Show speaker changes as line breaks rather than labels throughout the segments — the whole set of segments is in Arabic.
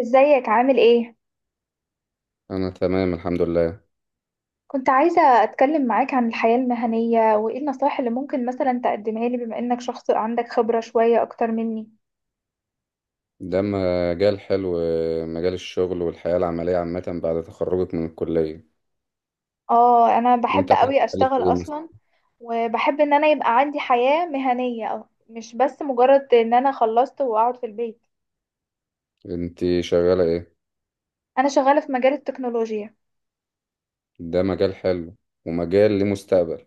ازيك عامل ايه؟
أنا تمام الحمد لله.
كنت عايزة اتكلم معاك عن الحياة المهنية وايه النصائح اللي ممكن مثلا تقدمها لي بما انك شخص عندك خبرة شوية اكتر مني.
ده مجال حلو، مجال الشغل والحياة العملية عامة بعد تخرجك من الكلية.
اه، انا بحب
أنت عايز
قوي
تتكلم
اشتغل
في إيه مثلا؟
اصلا، وبحب ان انا يبقى عندي حياة مهنية أو مش بس مجرد ان انا خلصت واقعد في البيت.
أنت شغالة إيه؟
انا شغالة في مجال التكنولوجيا.
ده مجال حلو ومجال ليه مستقبل.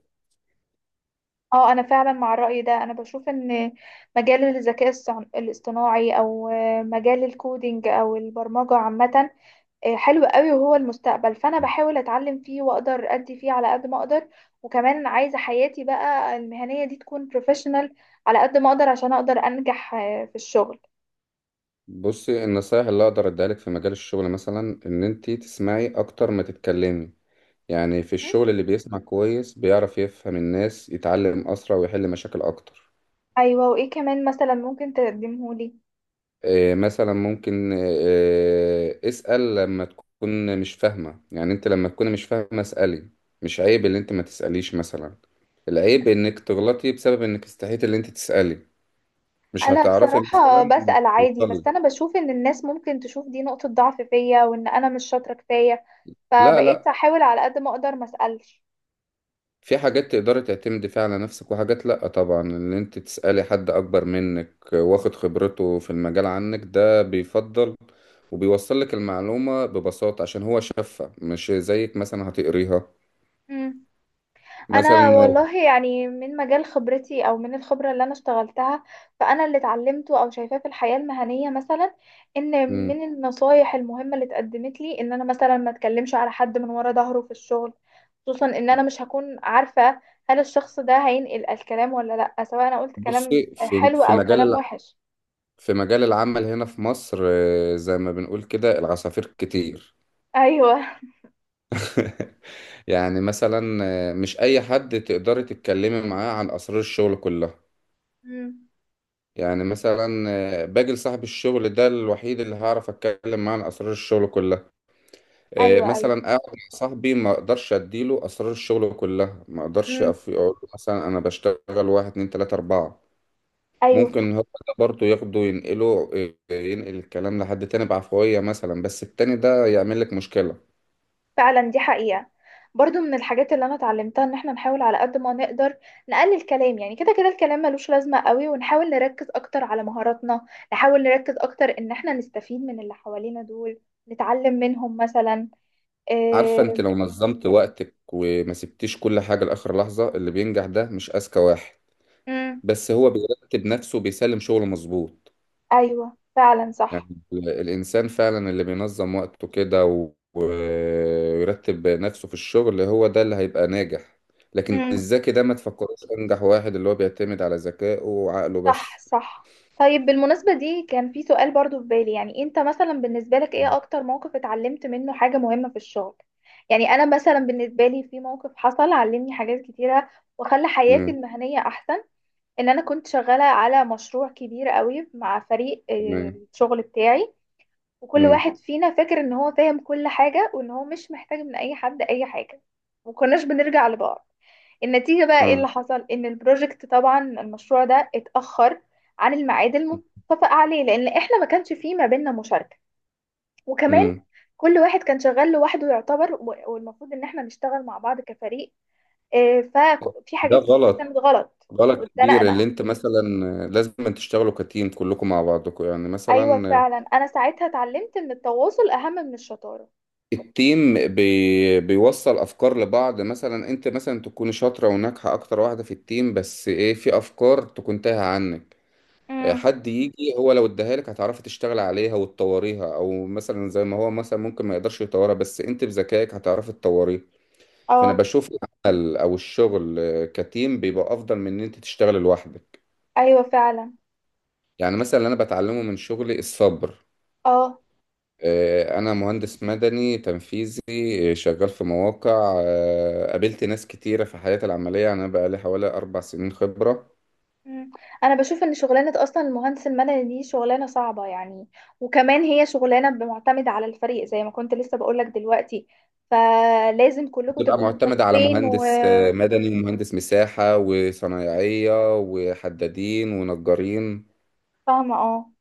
اه، انا فعلا مع الرأي ده، انا بشوف ان مجال الذكاء الاصطناعي او مجال الكودينج او البرمجة عامة، حلو قوي وهو المستقبل، فانا بحاول اتعلم فيه واقدر ادي فيه على قد ما اقدر. وكمان عايزه حياتي بقى المهنيه دي تكون بروفيشنال على قد ما اقدر عشان اقدر انجح في الشغل.
بصي، النصايح اللي أقدر أديها لك في مجال الشغل مثلا إن أنت تسمعي أكتر ما تتكلمي. يعني في
م؟
الشغل اللي بيسمع كويس بيعرف يفهم الناس، يتعلم أسرع ويحل مشاكل أكتر.
ايوه، وايه كمان مثلا ممكن تقدمهولي؟
مثلا ممكن اسأل لما تكون مش فاهمة. يعني انت لما تكون مش فاهمة اسألي. مش عيب ان انت ما تسأليش مثلا، العيب انك تغلطي بسبب انك استحيت ان انت تسألي. مش
انا
هتعرفي
بصراحه
مثلا
بسأل عادي،
توصلي.
بس انا بشوف ان الناس ممكن تشوف دي نقطه ضعف فيا وان انا مش شاطره كفايه،
لا
فبقيت
لا،
احاول على قد ما اقدر ما اسالش.
في حاجات تقدري تعتمدي فيها على نفسك وحاجات لا. طبعا ان انت تسألي حد اكبر منك واخد خبرته في المجال عنك ده بيفضل، وبيوصل لك المعلومة ببساطة عشان هو شافها مش زيك مثلا هتقريها.
م. انا
مثلا.
والله يعني من مجال خبرتي او من الخبره اللي انا اشتغلتها، فانا اللي اتعلمته او شايفاه في الحياه المهنيه مثلا، ان
مم.
من النصايح المهمه اللي اتقدمت لي ان انا مثلا ما اتكلمش على حد من ورا ظهره في الشغل، خصوصا ان انا مش هكون عارفه هل الشخص ده هينقل الكلام ولا لا، سواء انا قلت كلام
بصي، في
حلو
في
او
مجال
كلام وحش.
في مجال العمل هنا في مصر، زي ما بنقول كده العصافير كتير.
ايوه
يعني مثلا، مش اي حد تقدري تتكلمي معاه عن اسرار الشغل كلها.
امم.
يعني مثلا، باجي لصاحب الشغل، ده الوحيد اللي هعرف اتكلم معاه عن اسرار الشغل كلها.
ايوه. ايوه.
مثلا اقعد مع صاحبي، ما اقدرش اديله اسرار الشغل كلها. ما اقدرش
امم.
اقول له مثلا انا بشتغل واحد اتنين تلاتة اربعة.
ايوه،
ممكن هو ده برضه ياخده ينقله، ينقل الكلام لحد تاني بعفوية مثلا، بس التاني ده يعمل لك مشكلة.
فعلا دي حقيقة. برضو من الحاجات اللي انا اتعلمتها ان احنا نحاول على قد ما نقدر نقلل كلام، يعني كده كده الكلام ملوش لازمة قوي، ونحاول نركز اكتر على مهاراتنا. نحاول نركز اكتر ان احنا نستفيد من اللي حوالينا دول، نتعلم منهم مثلا
عارفة، انت
إيه...
لو نظمت وقتك وما سبتيش كل حاجة لآخر لحظة، اللي بينجح ده مش أذكى واحد،
مم،
بس هو بيرتب نفسه بيسلم شغله مظبوط.
ايوه فعلا
يعني
صح.
الإنسان فعلا اللي بينظم وقته كده ويرتب نفسه في الشغل هو ده اللي هيبقى ناجح. لكن
مم.
الذكي ده ما تفكروش أنجح واحد اللي هو بيعتمد على ذكائه وعقله
صح،
بس.
صح. طيب بالمناسبة دي كان في سؤال برضو في بالي، يعني انت مثلا بالنسبة لك ايه اكتر موقف اتعلمت منه حاجة مهمة في الشغل؟ يعني انا مثلا بالنسبة لي في موقف حصل علمني حاجات كتيرة وخلى حياتي
مم.
المهنية احسن. ان انا كنت شغالة على مشروع كبير قوي مع فريق
تمام.
الشغل بتاعي، وكل
مم.
واحد فينا فاكر ان هو فاهم كل حاجة وان هو مش محتاج من اي حد اي حاجة، ومكناش بنرجع لبعض. النتيجة بقى ايه
اه.
اللي حصل؟ ان البروجكت طبعا المشروع ده اتأخر عن الميعاد المتفق عليه لان احنا ما كانش فيه ما بيننا مشاركة، وكمان
امم.
كل واحد كان شغال لوحده يعتبر، والمفروض ان احنا نشتغل مع بعض كفريق. ففي
ده
حاجات كتير
غلط،
كانت غلط
غلط كبير.
واتزنقنا.
اللي انت مثلا لازم أن تشتغلوا كتيم كلكم مع بعضكم يعني
ايوه
مثلا.
فعلا، انا ساعتها اتعلمت ان التواصل اهم من الشطارة.
التيم بي بيوصل افكار لبعض، مثلا انت مثلا تكون شاطره وناجحه اكتر واحده في التيم، بس ايه، في افكار تكون تايهه عنك.
امم.
حد يجي هو لو اداها لك هتعرفي تشتغل عليها وتطوريها، او مثلا زي ما هو مثلا ممكن ما يقدرش يطورها بس انت بذكائك هتعرفي تطوريها. فانا
اه.
بشوف العمل او الشغل كتيم بيبقى افضل من ان انت تشتغل لوحدك.
ايوه فعلا.
يعني مثلا اللي انا بتعلمه من شغلي الصبر.
اه.
انا مهندس مدني تنفيذي. شغال في مواقع، قابلت ناس كتيرة في حياتي العملية، يعني انا بقى لي حوالي 4 سنين خبرة.
مم. انا بشوف ان شغلانه اصلا المهندس المدني دي شغلانه صعبه يعني، وكمان هي شغلانه معتمده على الفريق زي ما كنت لسه بقولك دلوقتي، فلازم كلكم
بتبقى
تبقوا
معتمدة على
متفقين
مهندس مدني، ومهندس مساحة، وصنايعية، وحدادين، ونجارين.
وفاهمه. اه.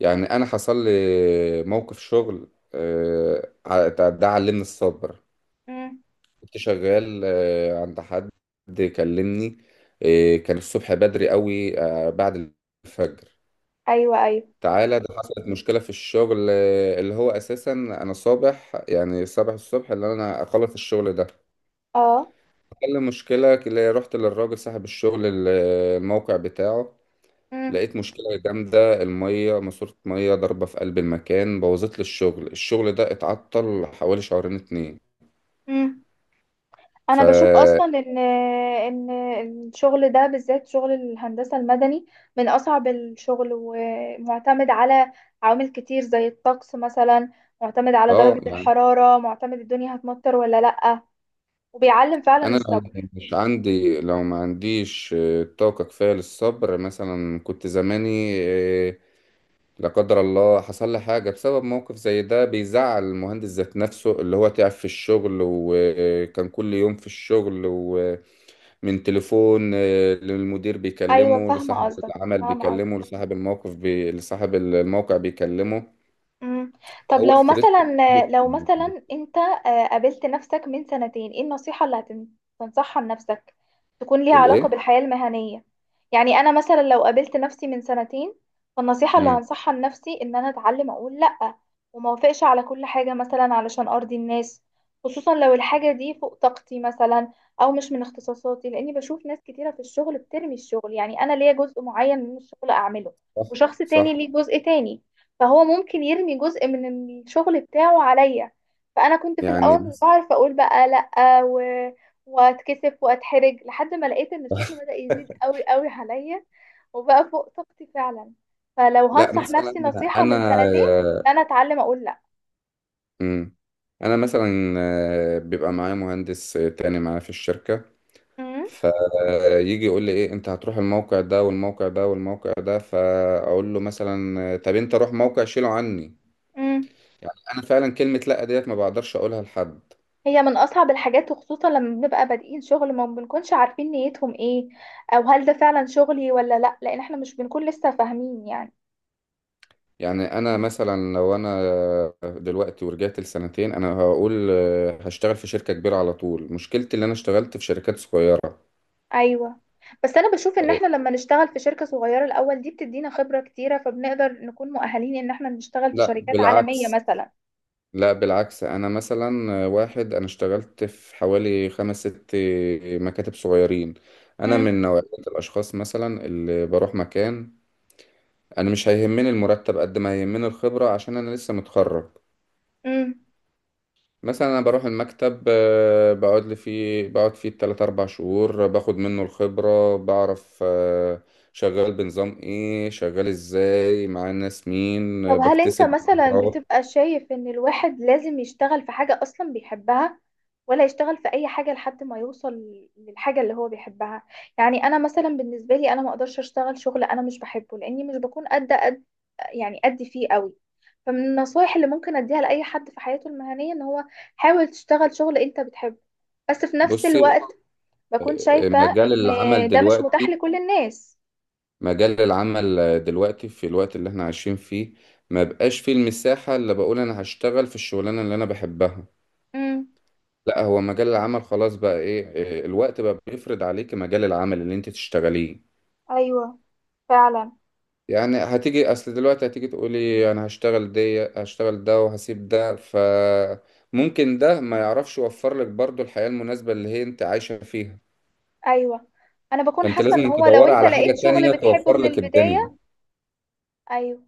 يعني انا حصل لي موقف شغل، ده علمني الصبر.
مم.
كنت شغال عند حد، كلمني. كان الصبح بدري قوي، بعد الفجر.
ايوه، ايوه.
تعالى، ده حصلت مشكلة في الشغل اللي هو أساسا أنا صابح. يعني صابح الصبح اللي أنا أخلص الشغل ده.
اه.
كان المشكلة اللي رحت للراجل صاحب الشغل، الموقع بتاعه.
مم.
لقيت مشكلة جامدة، المية ماسورة، مية ضاربة في قلب المكان، بوظت لي الشغل. الشغل ده اتعطل حوالي شهرين اتنين.
مم. انا
ف
بشوف اصلا ان الشغل ده بالذات شغل الهندسه المدني من اصعب الشغل، ومعتمد على عوامل كتير زي الطقس مثلا، معتمد على درجه
اه،
الحراره، معتمد الدنيا هتمطر ولا لا. وبيعلم فعلا
انا لو
الصبر.
مش عندي لو ما عنديش طاقة كفاية للصبر مثلا كنت زماني لا قدر الله حصل لي حاجة، بسبب موقف زي ده بيزعل المهندس ذات نفسه، اللي هو تعب في الشغل وكان كل يوم في الشغل، ومن تليفون للمدير
ايوه
بيكلمه،
فاهمه
لصاحب
قصدك،
العمل
فاهمه قصدك.
بيكلمه، لصاحب الموقف لصاحب الموقع بيكلمه.
مم. طب
هو
لو
ستريس
مثلا،
كتير.
انت قابلت نفسك من سنتين، ايه النصيحة اللي هتنصحها لنفسك تكون ليها علاقة
الايه؟
بالحياة المهنية؟ يعني انا مثلا لو قابلت نفسي من سنتين، فالنصيحة اللي
مم.
هنصحها لنفسي ان انا اتعلم اقول لأ، وما اوافقش على كل حاجة مثلا علشان ارضي الناس، خصوصا لو الحاجة دي فوق طاقتي مثلا او مش من اختصاصاتي، لاني بشوف ناس كتيرة في الشغل بترمي الشغل. يعني انا ليا جزء معين من الشغل اعمله،
صح،
وشخص تاني
صح.
ليه جزء تاني، فهو ممكن يرمي جزء من الشغل بتاعه عليا. فانا كنت في
يعني
الاول مش بعرف اقول بقى لا، و... واتكسف واتحرج لحد ما لقيت ان الشغل بدأ يزيد قوي قوي عليا وبقى فوق طاقتي فعلا. فلو
لا،
هنصح
مثلا
نفسي نصيحة
انا
من سنتين، انا اتعلم اقول لا.
مم. انا مثلا بيبقى معايا مهندس تاني معايا في الشركه،
امم.
فيجي يقول لي ايه، انت هتروح الموقع ده والموقع ده والموقع ده، فاقول له مثلا طب انت روح موقع شيله عني.
امم.
يعني انا فعلا كلمه لا ديت ما بقدرش اقولها لحد.
هي من اصعب الحاجات، وخصوصا لما بنبقى بادئين شغل ما بنكونش عارفين نيتهم ايه، او هل ده فعلا شغلي ولا لا، لان احنا مش بنكون لسه فاهمين يعني.
يعني انا مثلا، لو انا دلوقتي ورجعت لسنتين، انا هقول هشتغل في شركه كبيره على طول. مشكلتي اللي انا اشتغلت في شركات صغيره.
ايوه، بس انا بشوف ان
آه،
احنا لما نشتغل في شركة صغيرة الاول دي بتدينا خبرة كتيرة، فبنقدر نكون مؤهلين ان احنا نشتغل في
لا
شركات عالمية
بالعكس،
مثلا.
لا بالعكس. انا مثلا واحد انا اشتغلت في حوالي خمس ست مكاتب صغيرين. انا
امم.
من نوعية الاشخاص مثلا اللي بروح مكان، انا مش هيهمني المرتب قد ما هيهمني الخبرة عشان انا لسه متخرج.
امم.
مثلا انا بروح المكتب، بقعد فيه 3 4 شهور، باخد منه الخبرة، بعرف شغال بنظام ايه، شغال ازاي مع الناس مين،
طب هل انت
بكتسب
مثلا
خبرات.
بتبقى شايف ان الواحد لازم يشتغل في حاجة اصلا بيحبها، ولا يشتغل في اي حاجة لحد ما يوصل للحاجة اللي هو بيحبها؟ يعني انا مثلا بالنسبة لي انا ما اقدرش اشتغل شغل انا مش بحبه، لاني مش بكون قد، يعني أدي فيه قوي. فمن النصايح اللي ممكن أديها لأي حد في حياته المهنية إن هو حاول تشتغل شغل أنت بتحبه. بس في نفس
بصي،
الوقت بكون
آه،
شايفة
مجال
إن
العمل
ده مش متاح
دلوقتي
لكل الناس.
مجال العمل دلوقتي في الوقت اللي احنا عايشين فيه، ما بقاش فيه المساحة اللي بقول انا هشتغل في الشغلانة اللي انا بحبها.
امم.
لا، هو مجال العمل خلاص بقى ايه، الوقت بقى بيفرض عليك مجال العمل اللي انت تشتغليه.
أيوه، فعلا.
يعني هتيجي، اصل دلوقتي هتيجي تقولي انا هشتغل دي هشتغل ده وهسيب ده، فممكن ده ما يعرفش يوفر لك برضو الحياة المناسبة اللي هي انت عايشة فيها.
أيوه. أنا بكون
فانت
حاسة إن
لازم
هو لو
تدوري
أنت
على
لقيت
حاجة
شغل
تانية
بتحبه
توفر
من
لك
البداية،
الدنيا.
أيوه.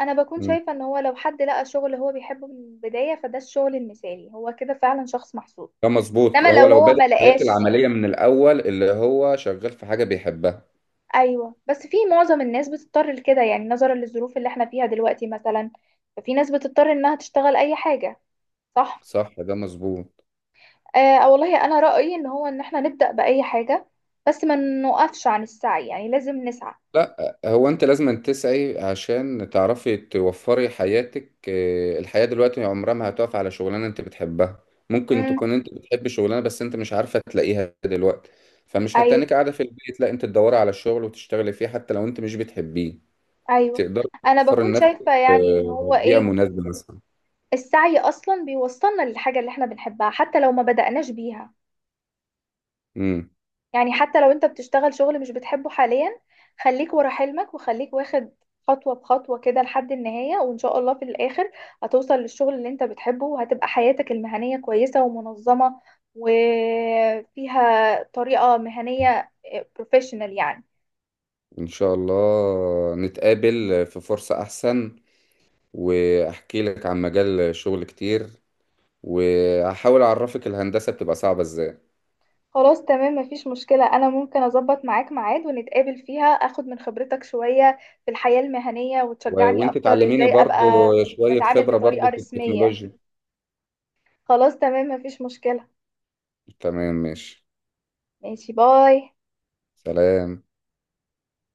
أنا بكون شايفة إن هو لو حد لقى شغل هو بيحبه من البداية فده الشغل المثالي، هو كده فعلا شخص محظوظ.
ده مظبوط،
انما
هو
لو
لو
هو
بدأ
ما
حياته
لقاش،
العملية من الأول اللي هو شغال في حاجة بيحبها.
ايوه، بس في معظم الناس بتضطر لكده، يعني نظرا للظروف اللي احنا فيها دلوقتي مثلا ففي ناس بتضطر انها تشتغل اي حاجه. صح.
صح، ده مظبوط.
آه والله انا رايي ان هو ان احنا نبدا باي حاجه، بس ما نوقفش عن السعي، يعني لازم نسعى.
لا، هو أنت لازم تسعي عشان تعرفي توفري حياتك. الحياة دلوقتي عمرها ما هتقف على شغلانة أنت بتحبها. ممكن
امم.
تكون أنت بتحبي شغلانة بس أنت مش عارفة تلاقيها دلوقتي. فمش
ايوه.
هتتنك قاعدة في البيت، لا، أنت تدوري على الشغل وتشتغلي فيه حتى لو أنت مش بتحبيه.
ايوه.
تقدري
انا
توفري
بكون
لنفسك
شايفه يعني ان
آه،
هو
بيئة
ايه،
مناسبة مثلا.
السعي اصلا بيوصلنا للحاجه اللي احنا بنحبها حتى لو ما بداناش بيها.
مم.
يعني حتى لو انت بتشتغل شغل مش بتحبه حاليا، خليك ورا حلمك وخليك واخد خطوة بخطوة كده لحد النهاية، وإن شاء الله في الآخر هتوصل للشغل اللي انت بتحبه، وهتبقى حياتك المهنية كويسة ومنظمة وفيها طريقة مهنية بروفيشنال يعني.
إن شاء الله نتقابل في فرصة أحسن، وأحكي لك عن مجال شغل كتير، وهحاول أعرفك الهندسة بتبقى صعبة إزاي.
خلاص تمام مفيش مشكلة، أنا ممكن أظبط معاك ميعاد ونتقابل فيها أخد من خبرتك شوية في الحياة المهنية وتشجعني
وأنت
أكتر
تعلميني
إزاي
برضو
أبقى
شوية
بتعامل
خبرة
بطريقة
برضو في
رسمية.
التكنولوجيا.
خلاص تمام مفيش مشكلة.
تمام ماشي.
ماشي، باي.
سلام.